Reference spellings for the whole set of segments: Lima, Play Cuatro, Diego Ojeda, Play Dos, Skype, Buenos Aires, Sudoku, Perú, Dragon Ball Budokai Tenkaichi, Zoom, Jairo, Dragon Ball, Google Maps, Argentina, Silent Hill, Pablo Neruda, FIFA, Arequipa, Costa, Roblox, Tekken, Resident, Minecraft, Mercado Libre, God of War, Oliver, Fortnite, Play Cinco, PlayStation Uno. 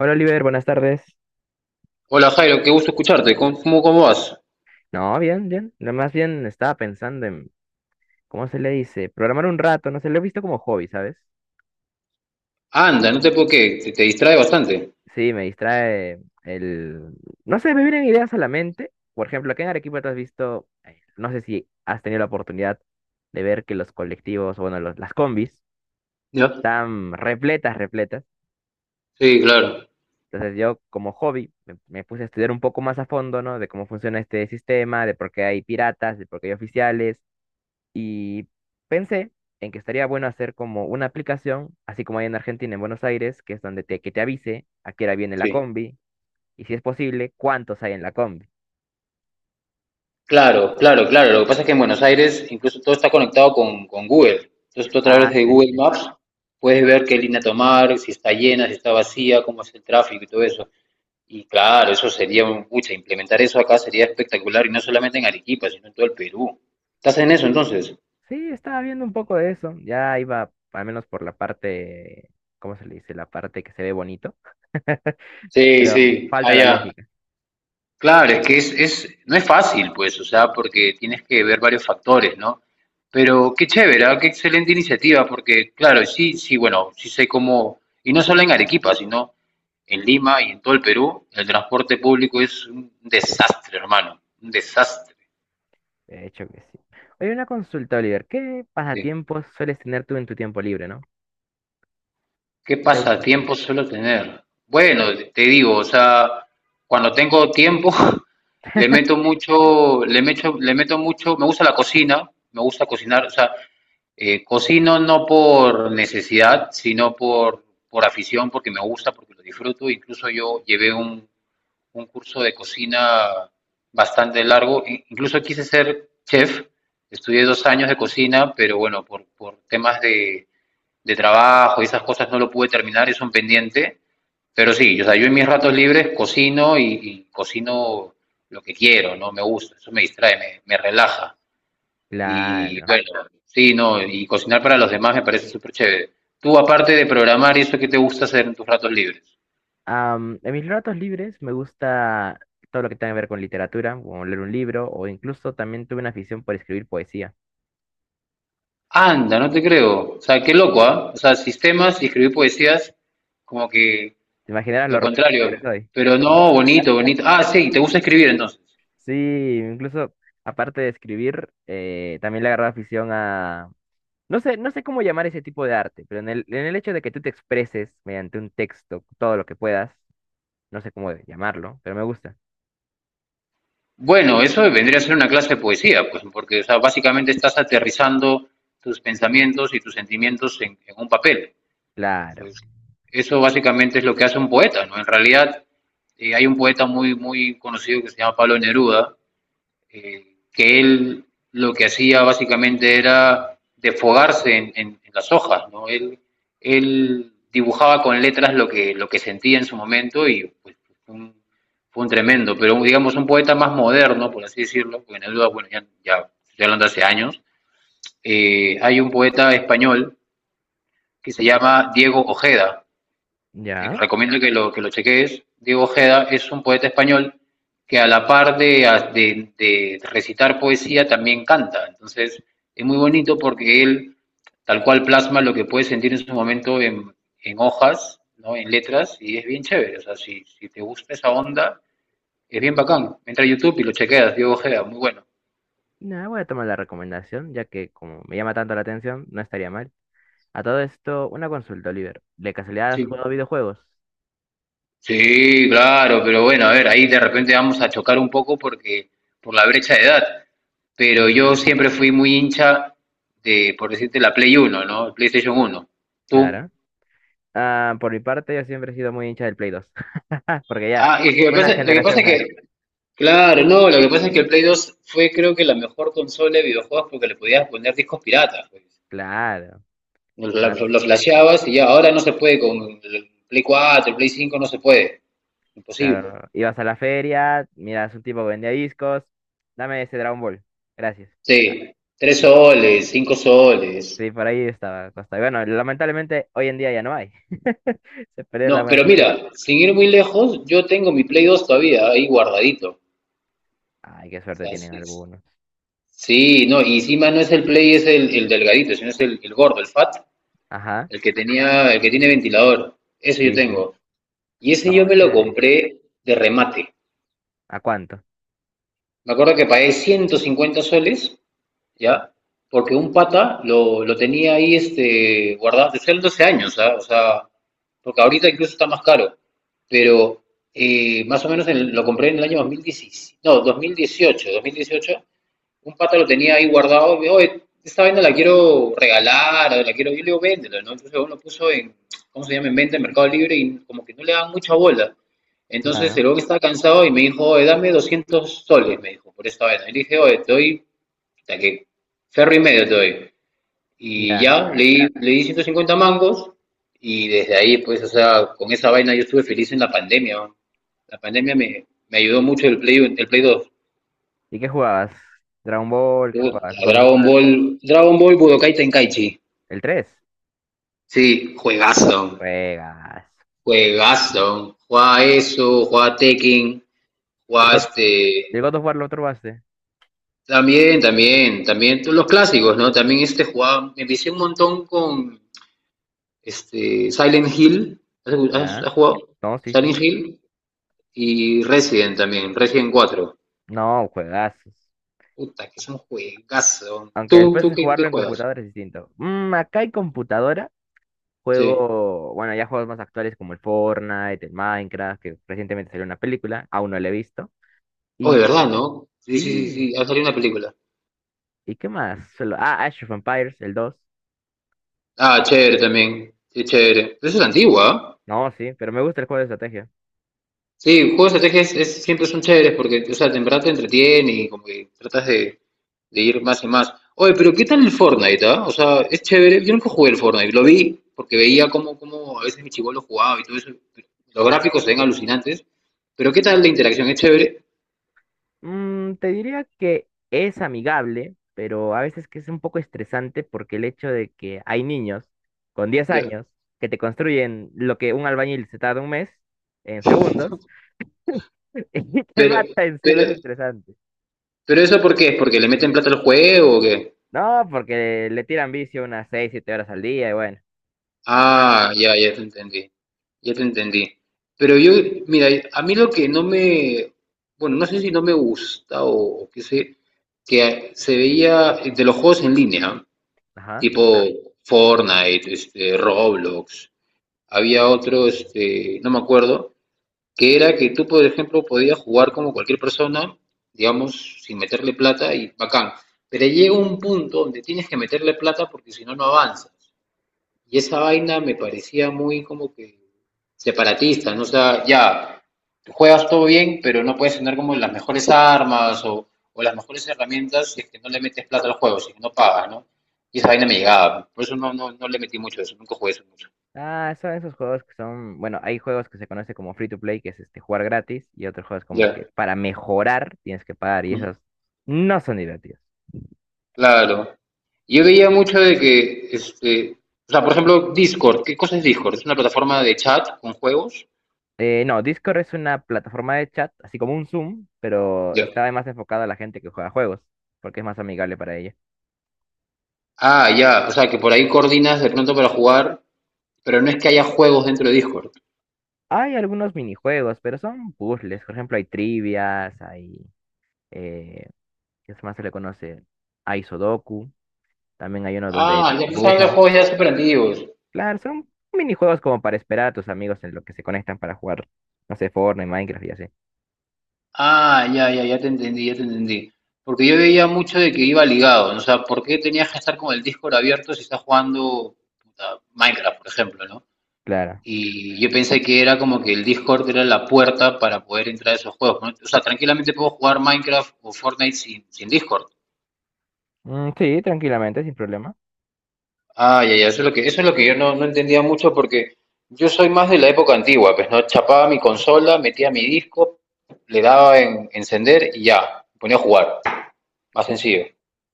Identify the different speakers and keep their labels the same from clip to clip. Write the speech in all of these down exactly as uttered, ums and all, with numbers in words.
Speaker 1: Hola Oliver, buenas tardes.
Speaker 2: Hola Jairo, qué gusto escucharte. ¿Cómo, cómo cómo vas?
Speaker 1: No, bien, bien. Nada más bien estaba pensando en, ¿cómo se le dice? Programar un rato, no sé, lo he visto como hobby, ¿sabes?
Speaker 2: Anda, no te puedo que te, te distrae bastante.
Speaker 1: Sí, me distrae el, no sé, me vienen ideas a la mente. Por ejemplo, aquí en Arequipa te has visto, eh, no sé si has tenido la oportunidad de ver que los colectivos, bueno, los- las combis,
Speaker 2: ¿Ya?
Speaker 1: están repletas, repletas.
Speaker 2: Sí, claro.
Speaker 1: Entonces yo como hobby me, me puse a estudiar un poco más a fondo, ¿no? De cómo funciona este sistema, de por qué hay piratas, de por qué hay oficiales. Y pensé en que estaría bueno hacer como una aplicación, así como hay en Argentina, en Buenos Aires, que es donde te, que te avise a qué hora viene la
Speaker 2: Sí.
Speaker 1: combi y si es posible, cuántos hay en la combi.
Speaker 2: Claro, claro, claro. Lo que pasa es que en Buenos Aires incluso todo está conectado con, con Google. Entonces tú a través
Speaker 1: Ah,
Speaker 2: de
Speaker 1: sí,
Speaker 2: Google
Speaker 1: sí.
Speaker 2: Maps puedes ver qué línea tomar, si está llena, si está vacía, cómo es el tráfico y todo eso. Y claro, eso sería un pucha, implementar eso acá sería espectacular y no solamente en Arequipa, sino en todo el Perú. ¿Estás en eso entonces?
Speaker 1: Sí, estaba viendo un poco de eso. Ya iba al menos por la parte, ¿cómo se le dice? La parte que se ve bonito,
Speaker 2: Sí,
Speaker 1: pero
Speaker 2: sí,
Speaker 1: falta la
Speaker 2: allá.
Speaker 1: lógica.
Speaker 2: Claro, es que es, es, no es fácil, pues, o sea, porque tienes que ver varios factores, ¿no? Pero qué chévere, ¿ah? Qué excelente iniciativa, porque claro, sí, sí, bueno, sí sé cómo, y no solo en Arequipa, sino en Lima y en todo el Perú, el transporte público es un desastre, hermano, un desastre.
Speaker 1: De hecho que sí. Oye, una consulta, Oliver. ¿Qué
Speaker 2: Sí.
Speaker 1: pasatiempos sueles tener tú en tu tiempo libre, no?
Speaker 2: ¿Qué
Speaker 1: ¿Qué te gusta hacer?
Speaker 2: pasatiempo suelo tener? Bueno, te digo, o sea, cuando tengo tiempo, le meto mucho, le meto, le meto mucho, me gusta la cocina, me gusta cocinar, o sea, Eh, cocino no por necesidad, sino por, por afición, porque me gusta, porque lo disfruto. Incluso yo llevé un, un curso de cocina bastante largo. Incluso quise ser chef. Estudié dos años de cocina, pero bueno, por, por temas de, de trabajo y esas cosas no lo pude terminar, es un pendiente. Pero sí, o sea, yo en mis ratos libres cocino y, y cocino lo que quiero, ¿no? Me gusta, eso me distrae, me, me relaja. Y
Speaker 1: Claro.
Speaker 2: bueno, sí, no, y cocinar para los demás me parece súper chévere. Tú, aparte de programar, ¿y eso qué te gusta hacer en tus ratos libres?
Speaker 1: Am, en mis ratos libres me gusta todo lo que tenga que ver con literatura, como leer un libro, o incluso también tuve una afición por escribir poesía.
Speaker 2: Anda, no te creo. O sea, qué loco, ¿ah? O sea, sistemas y escribir poesías, como que
Speaker 1: ¿Te imaginarás
Speaker 2: lo
Speaker 1: lo
Speaker 2: contrario.
Speaker 1: romántico que soy?
Speaker 2: Pero no, bonito, bonito. Ah, sí, te gusta escribir entonces.
Speaker 1: Sí, incluso aparte de escribir, eh, también le agarré afición a... No sé, no sé cómo llamar ese tipo de arte, pero en el, en el hecho de que tú te expreses mediante un texto todo lo que puedas, no sé cómo llamarlo, pero me gusta.
Speaker 2: Bueno, eso vendría a ser una clase de poesía, pues, porque, o sea, básicamente estás aterrizando tus pensamientos y tus sentimientos en, en un papel.
Speaker 1: Claro.
Speaker 2: Entonces, eso básicamente es lo que hace un poeta, ¿no? En realidad, eh, hay un poeta muy, muy conocido que se llama Pablo Neruda, eh, que él lo que hacía básicamente era desfogarse en, en, en las hojas, ¿no? Él, él dibujaba con letras lo que, lo que sentía en su momento y pues, un, fue un tremendo, pero digamos un poeta más moderno, por así decirlo, porque Neruda, bueno, ya, ya estoy hablando hace años, eh, hay un poeta español que se llama Diego Ojeda, te
Speaker 1: Ya.
Speaker 2: recomiendo que lo, que lo cheques, Diego Ojeda es un poeta español que a la par de, de, de recitar poesía también canta. Entonces es muy bonito porque él tal cual plasma lo que puede sentir en su momento en, en hojas, ¿no? En letras, y es bien chévere. O sea, si, si te gusta esa onda, es bien bacán. Entra a YouTube y lo chequeas, Diego Ojeda, muy bueno.
Speaker 1: Ya, voy a tomar la recomendación, ya que como me llama tanto la atención, no estaría mal. A todo esto, una consulta, Oliver. ¿De casualidad has
Speaker 2: Sí.
Speaker 1: jugado videojuegos?
Speaker 2: Sí, claro, pero bueno, a ver, ahí de repente vamos a chocar un poco porque por la brecha de edad. Pero yo
Speaker 1: Mm,
Speaker 2: siempre fui muy hincha de, por decirte, la Play Uno, ¿no? El PlayStation Uno. ¿Tú?
Speaker 1: claro. Ah, por mi parte, yo siempre he sido muy hincha del Play dos. Porque ya,
Speaker 2: Ah, y lo que
Speaker 1: una
Speaker 2: pasa, lo que pasa
Speaker 1: generación
Speaker 2: es
Speaker 1: más.
Speaker 2: que, claro, no, lo que pasa es que el Play dos fue creo que la mejor consola de videojuegos porque le podías poner discos piratas, pues.
Speaker 1: Claro.
Speaker 2: Lo,
Speaker 1: Ibas,
Speaker 2: lo lo flasheabas y ya, ahora no se puede con el Play cuatro, el Play cinco no se puede, imposible.
Speaker 1: claro. Ibas a la feria, miras un tipo que vendía discos. Dame ese Dragon Ball. Gracias. Ah,
Speaker 2: Sí, Tres
Speaker 1: sí,
Speaker 2: soles, cinco soles.
Speaker 1: sí, por ahí estaba Costa. Y bueno, lamentablemente hoy en día ya no hay. Se perdieron
Speaker 2: No,
Speaker 1: las buenas
Speaker 2: pero
Speaker 1: costumbres.
Speaker 2: mira, sin ir muy lejos, yo tengo mi Play dos todavía ahí guardadito. O
Speaker 1: Ay, qué suerte
Speaker 2: sea,
Speaker 1: tienen
Speaker 2: sí,
Speaker 1: algunos.
Speaker 2: sí, no, y encima no es el Play, es el, el delgadito, sino es el, el gordo, el fat,
Speaker 1: Ajá.
Speaker 2: el que tenía, el que tiene ventilador. Eso yo
Speaker 1: Sí, sí.
Speaker 2: tengo. Y ese yo
Speaker 1: No,
Speaker 2: me lo
Speaker 1: chévere.
Speaker 2: compré de remate.
Speaker 1: ¿A cuánto?
Speaker 2: Me acuerdo que pagué ciento cincuenta soles, ¿ya? Porque un pata lo, lo tenía ahí este, guardado desde hace doce años, ¿ah? O sea, porque ahorita incluso está más caro, pero eh, más o menos en- lo compré en el año dos mil diecisiete, no, dos mil dieciocho, dos mil dieciocho, un pata lo tenía ahí guardado, y, oye, esta vaina la quiero regalar, la quiero, yo le digo, véndelo, ¿no? Entonces uno lo puso en, ¿cómo se llama?, en venta en Mercado Libre y como que no le daban mucha bola. Entonces
Speaker 1: Claro.
Speaker 2: el hombre estaba cansado y me dijo, oye, dame 200 soles, me dijo, por esta vaina. Y le dije, oye, te doy, o sea que ferro y medio te doy. Y
Speaker 1: Ya.
Speaker 2: ya, le di, le di 150 mangos y desde ahí, pues, o sea, con esa vaina yo estuve feliz en la pandemia, ¿no? La pandemia me, me ayudó mucho el Play, el Play dos
Speaker 1: ¿Y qué jugabas? Dragon Ball,
Speaker 2: Yo,
Speaker 1: ¿qué jugabas?
Speaker 2: a
Speaker 1: ¿God of
Speaker 2: Dragon
Speaker 1: War?
Speaker 2: Ball, Dragon Ball Budokai Tenkaichi.
Speaker 1: ¿El tres?
Speaker 2: Sí, juegazo,
Speaker 1: Juegas.
Speaker 2: juegazo. Juega eso, juega Tekken,
Speaker 1: ¿El
Speaker 2: juega
Speaker 1: God,
Speaker 2: este...
Speaker 1: el God of War lo probaste?
Speaker 2: También, también, también todos los clásicos, ¿no? También este jugaba, me empecé un montón con este, Silent Hill, ¿has,
Speaker 1: ¿Ya?
Speaker 2: has jugado?
Speaker 1: No, sí,
Speaker 2: Silent
Speaker 1: sí.
Speaker 2: Hill y Resident también, Resident cuatro.
Speaker 1: No, juegazos.
Speaker 2: Puta, que son juegazos.
Speaker 1: Aunque
Speaker 2: ¿Tú,
Speaker 1: después
Speaker 2: tú
Speaker 1: de
Speaker 2: qué, qué
Speaker 1: jugarlo en
Speaker 2: juegas?
Speaker 1: computadora es distinto. Mm, acá hay computadora.
Speaker 2: Sí.
Speaker 1: Juego, bueno, ya juegos más actuales como el Fortnite, el Minecraft, que recientemente salió una película, aún no la he visto.
Speaker 2: Oh, de
Speaker 1: Y
Speaker 2: verdad, ¿no? Sí, sí, sí,
Speaker 1: sí,
Speaker 2: sí, ha salido una película.
Speaker 1: ¿y qué más? Solo, ah, Age of Empires, el dos.
Speaker 2: Ah, chévere también. Sí, chévere. Pero eso es antigua, ¿ah?
Speaker 1: No, sí, pero me gusta el juego de estrategia.
Speaker 2: Sí, juegos de estrategia es- es- siempre son chéveres porque, o sea, en verdad te entretiene y como que tratas de, de ir más y más. Oye, pero ¿qué tal el Fortnite, ah? O sea, es chévere. Yo nunca jugué el Fortnite, lo vi porque veía cómo, cómo a veces mi chibolo jugaba y todo eso. Los gráficos se ven alucinantes. Pero ¿qué tal la interacción? ¿Es chévere?
Speaker 1: Mm, te diría que es amigable, pero a veces que es un poco estresante porque el hecho de que hay niños con diez
Speaker 2: Ya.
Speaker 1: años que te construyen lo que un albañil se tarda un mes en segundos y te
Speaker 2: Pero,
Speaker 1: mata encima
Speaker 2: pero,
Speaker 1: es estresante.
Speaker 2: pero ¿eso por qué? ¿Es porque le meten plata al juego o qué?
Speaker 1: No, porque le tiran vicio unas seis siete horas al día y bueno, normal.
Speaker 2: Ah, ya, ya te entendí. Ya te entendí. Pero yo, mira, a mí lo que no me, bueno, no sé si no me gusta o, o, qué sé, que se veía de los juegos en línea,
Speaker 1: Ajá.
Speaker 2: tipo Fortnite, este, Roblox. Había otro, este, no me acuerdo, que era que tú, por ejemplo, podías jugar como cualquier persona, digamos, sin meterle plata y bacán. Pero llega un punto donde tienes que meterle plata porque si no, no avanzas. Y esa vaina me parecía muy como que separatista, ¿no? O sea, ya, juegas todo bien, pero no puedes tener como las mejores armas o, o las mejores herramientas si es que no le metes plata al juego, si es que no pagas, ¿no? Y esa vaina me llegaba. Por eso no, no, no le metí mucho a eso, nunca jugué eso mucho.
Speaker 1: Ah, son esos juegos que son, bueno, hay juegos que se conoce como free to play, que es este jugar gratis, y otros juegos como que
Speaker 2: Ya.
Speaker 1: para mejorar tienes que pagar y
Speaker 2: Ujú.
Speaker 1: esos no son divertidos.
Speaker 2: Claro. Yo veía mucho de que, este, o sea, por ejemplo, Discord, ¿qué cosa es Discord? ¿Es una plataforma de chat con juegos?
Speaker 1: Eh, no, Discord es una plataforma de chat, así como un Zoom, pero
Speaker 2: Ya.
Speaker 1: está más enfocada a la gente que juega juegos, porque es más amigable para ella.
Speaker 2: Ah, ya, o sea, que por ahí coordinas de pronto para jugar. Pero no es que haya juegos dentro de Discord.
Speaker 1: Hay algunos minijuegos, pero son puzzles. Por ejemplo, hay trivias, hay... Eh, ¿qué más se le conoce? Hay Sudoku, también hay uno donde
Speaker 2: Ah, ya estás hablando de
Speaker 1: dibujas.
Speaker 2: juegos ya super antiguos.
Speaker 1: Claro, son minijuegos como para esperar a tus amigos en lo que se conectan para jugar, no sé, Fortnite, Minecraft y así.
Speaker 2: Ah, ya, ya, ya te entendí, ya te entendí. Porque yo veía mucho de que iba ligado, ¿no? O sea, ¿por qué tenías que estar con el Discord abierto si estás jugando puta, Minecraft, por ejemplo, ¿no?
Speaker 1: Claro.
Speaker 2: Y yo pensé que era como que el Discord era la puerta para poder entrar a esos juegos, ¿no? O sea, tranquilamente puedo jugar Minecraft o Fortnite sin, sin Discord.
Speaker 1: Mm, sí, tranquilamente, sin problema.
Speaker 2: Ah, ya, ya, eso es lo que, eso es lo que yo no, no entendía mucho porque yo soy más de la época antigua, pues no chapaba mi consola, metía mi disco, le daba en encender y ya, me ponía a jugar. Más sencillo.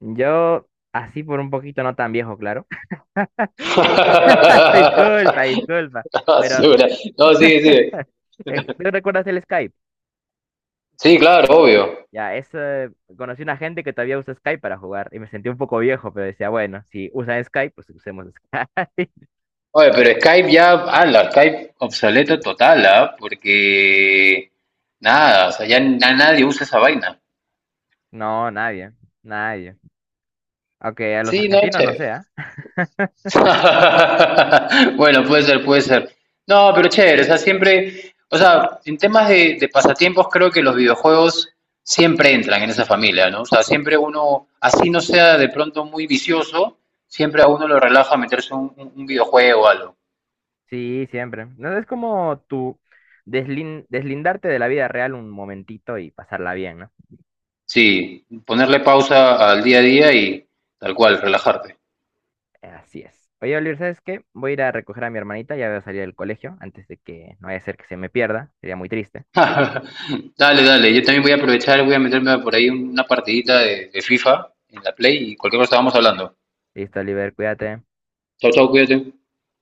Speaker 1: Yo, así por un poquito, no tan viejo, claro. Disculpa, disculpa.
Speaker 2: La
Speaker 1: Pero,
Speaker 2: basura. No, sí, sí.
Speaker 1: eh, ¿tú recuerdas el Skype?
Speaker 2: Sí, claro, obvio.
Speaker 1: Ya, es, eh, conocí una gente que todavía usa Skype para jugar y me sentí un poco viejo, pero decía, bueno, si usan Skype, pues usemos Skype.
Speaker 2: Oye, pero Skype ya, ala, Skype obsoleto total, ¿ah? Porque nada, o sea, ya na- nadie usa esa vaina.
Speaker 1: No, nadie, nadie. Aunque a los
Speaker 2: Sí, no,
Speaker 1: argentinos
Speaker 2: che.
Speaker 1: no sea.
Speaker 2: Bueno, puede ser, puede ser. No, pero chévere, o sea, siempre, o sea, en temas de, de pasatiempos creo que los videojuegos siempre entran en esa familia, ¿no? O sea, siempre uno, así no sea de pronto muy vicioso, siempre a uno lo relaja meterse un, un- un videojuego o algo.
Speaker 1: Sí, siempre. No es como tu deslin- deslindarte de la vida real un momentito y pasarla bien, ¿no?
Speaker 2: Sí, ponerle pausa al día a día y tal cual, relajarte.
Speaker 1: Así es. Oye, Oliver, ¿sabes qué? Voy a ir a recoger a mi hermanita, ya voy a salir del colegio antes de que no vaya a ser que se me pierda. Sería muy triste.
Speaker 2: Dale, dale, yo también voy a aprovechar, voy a meterme por ahí una partidita de, de FIFA en la Play y cualquier cosa vamos hablando.
Speaker 1: Listo, Oliver, cuídate.
Speaker 2: Chau, chau, cuídate.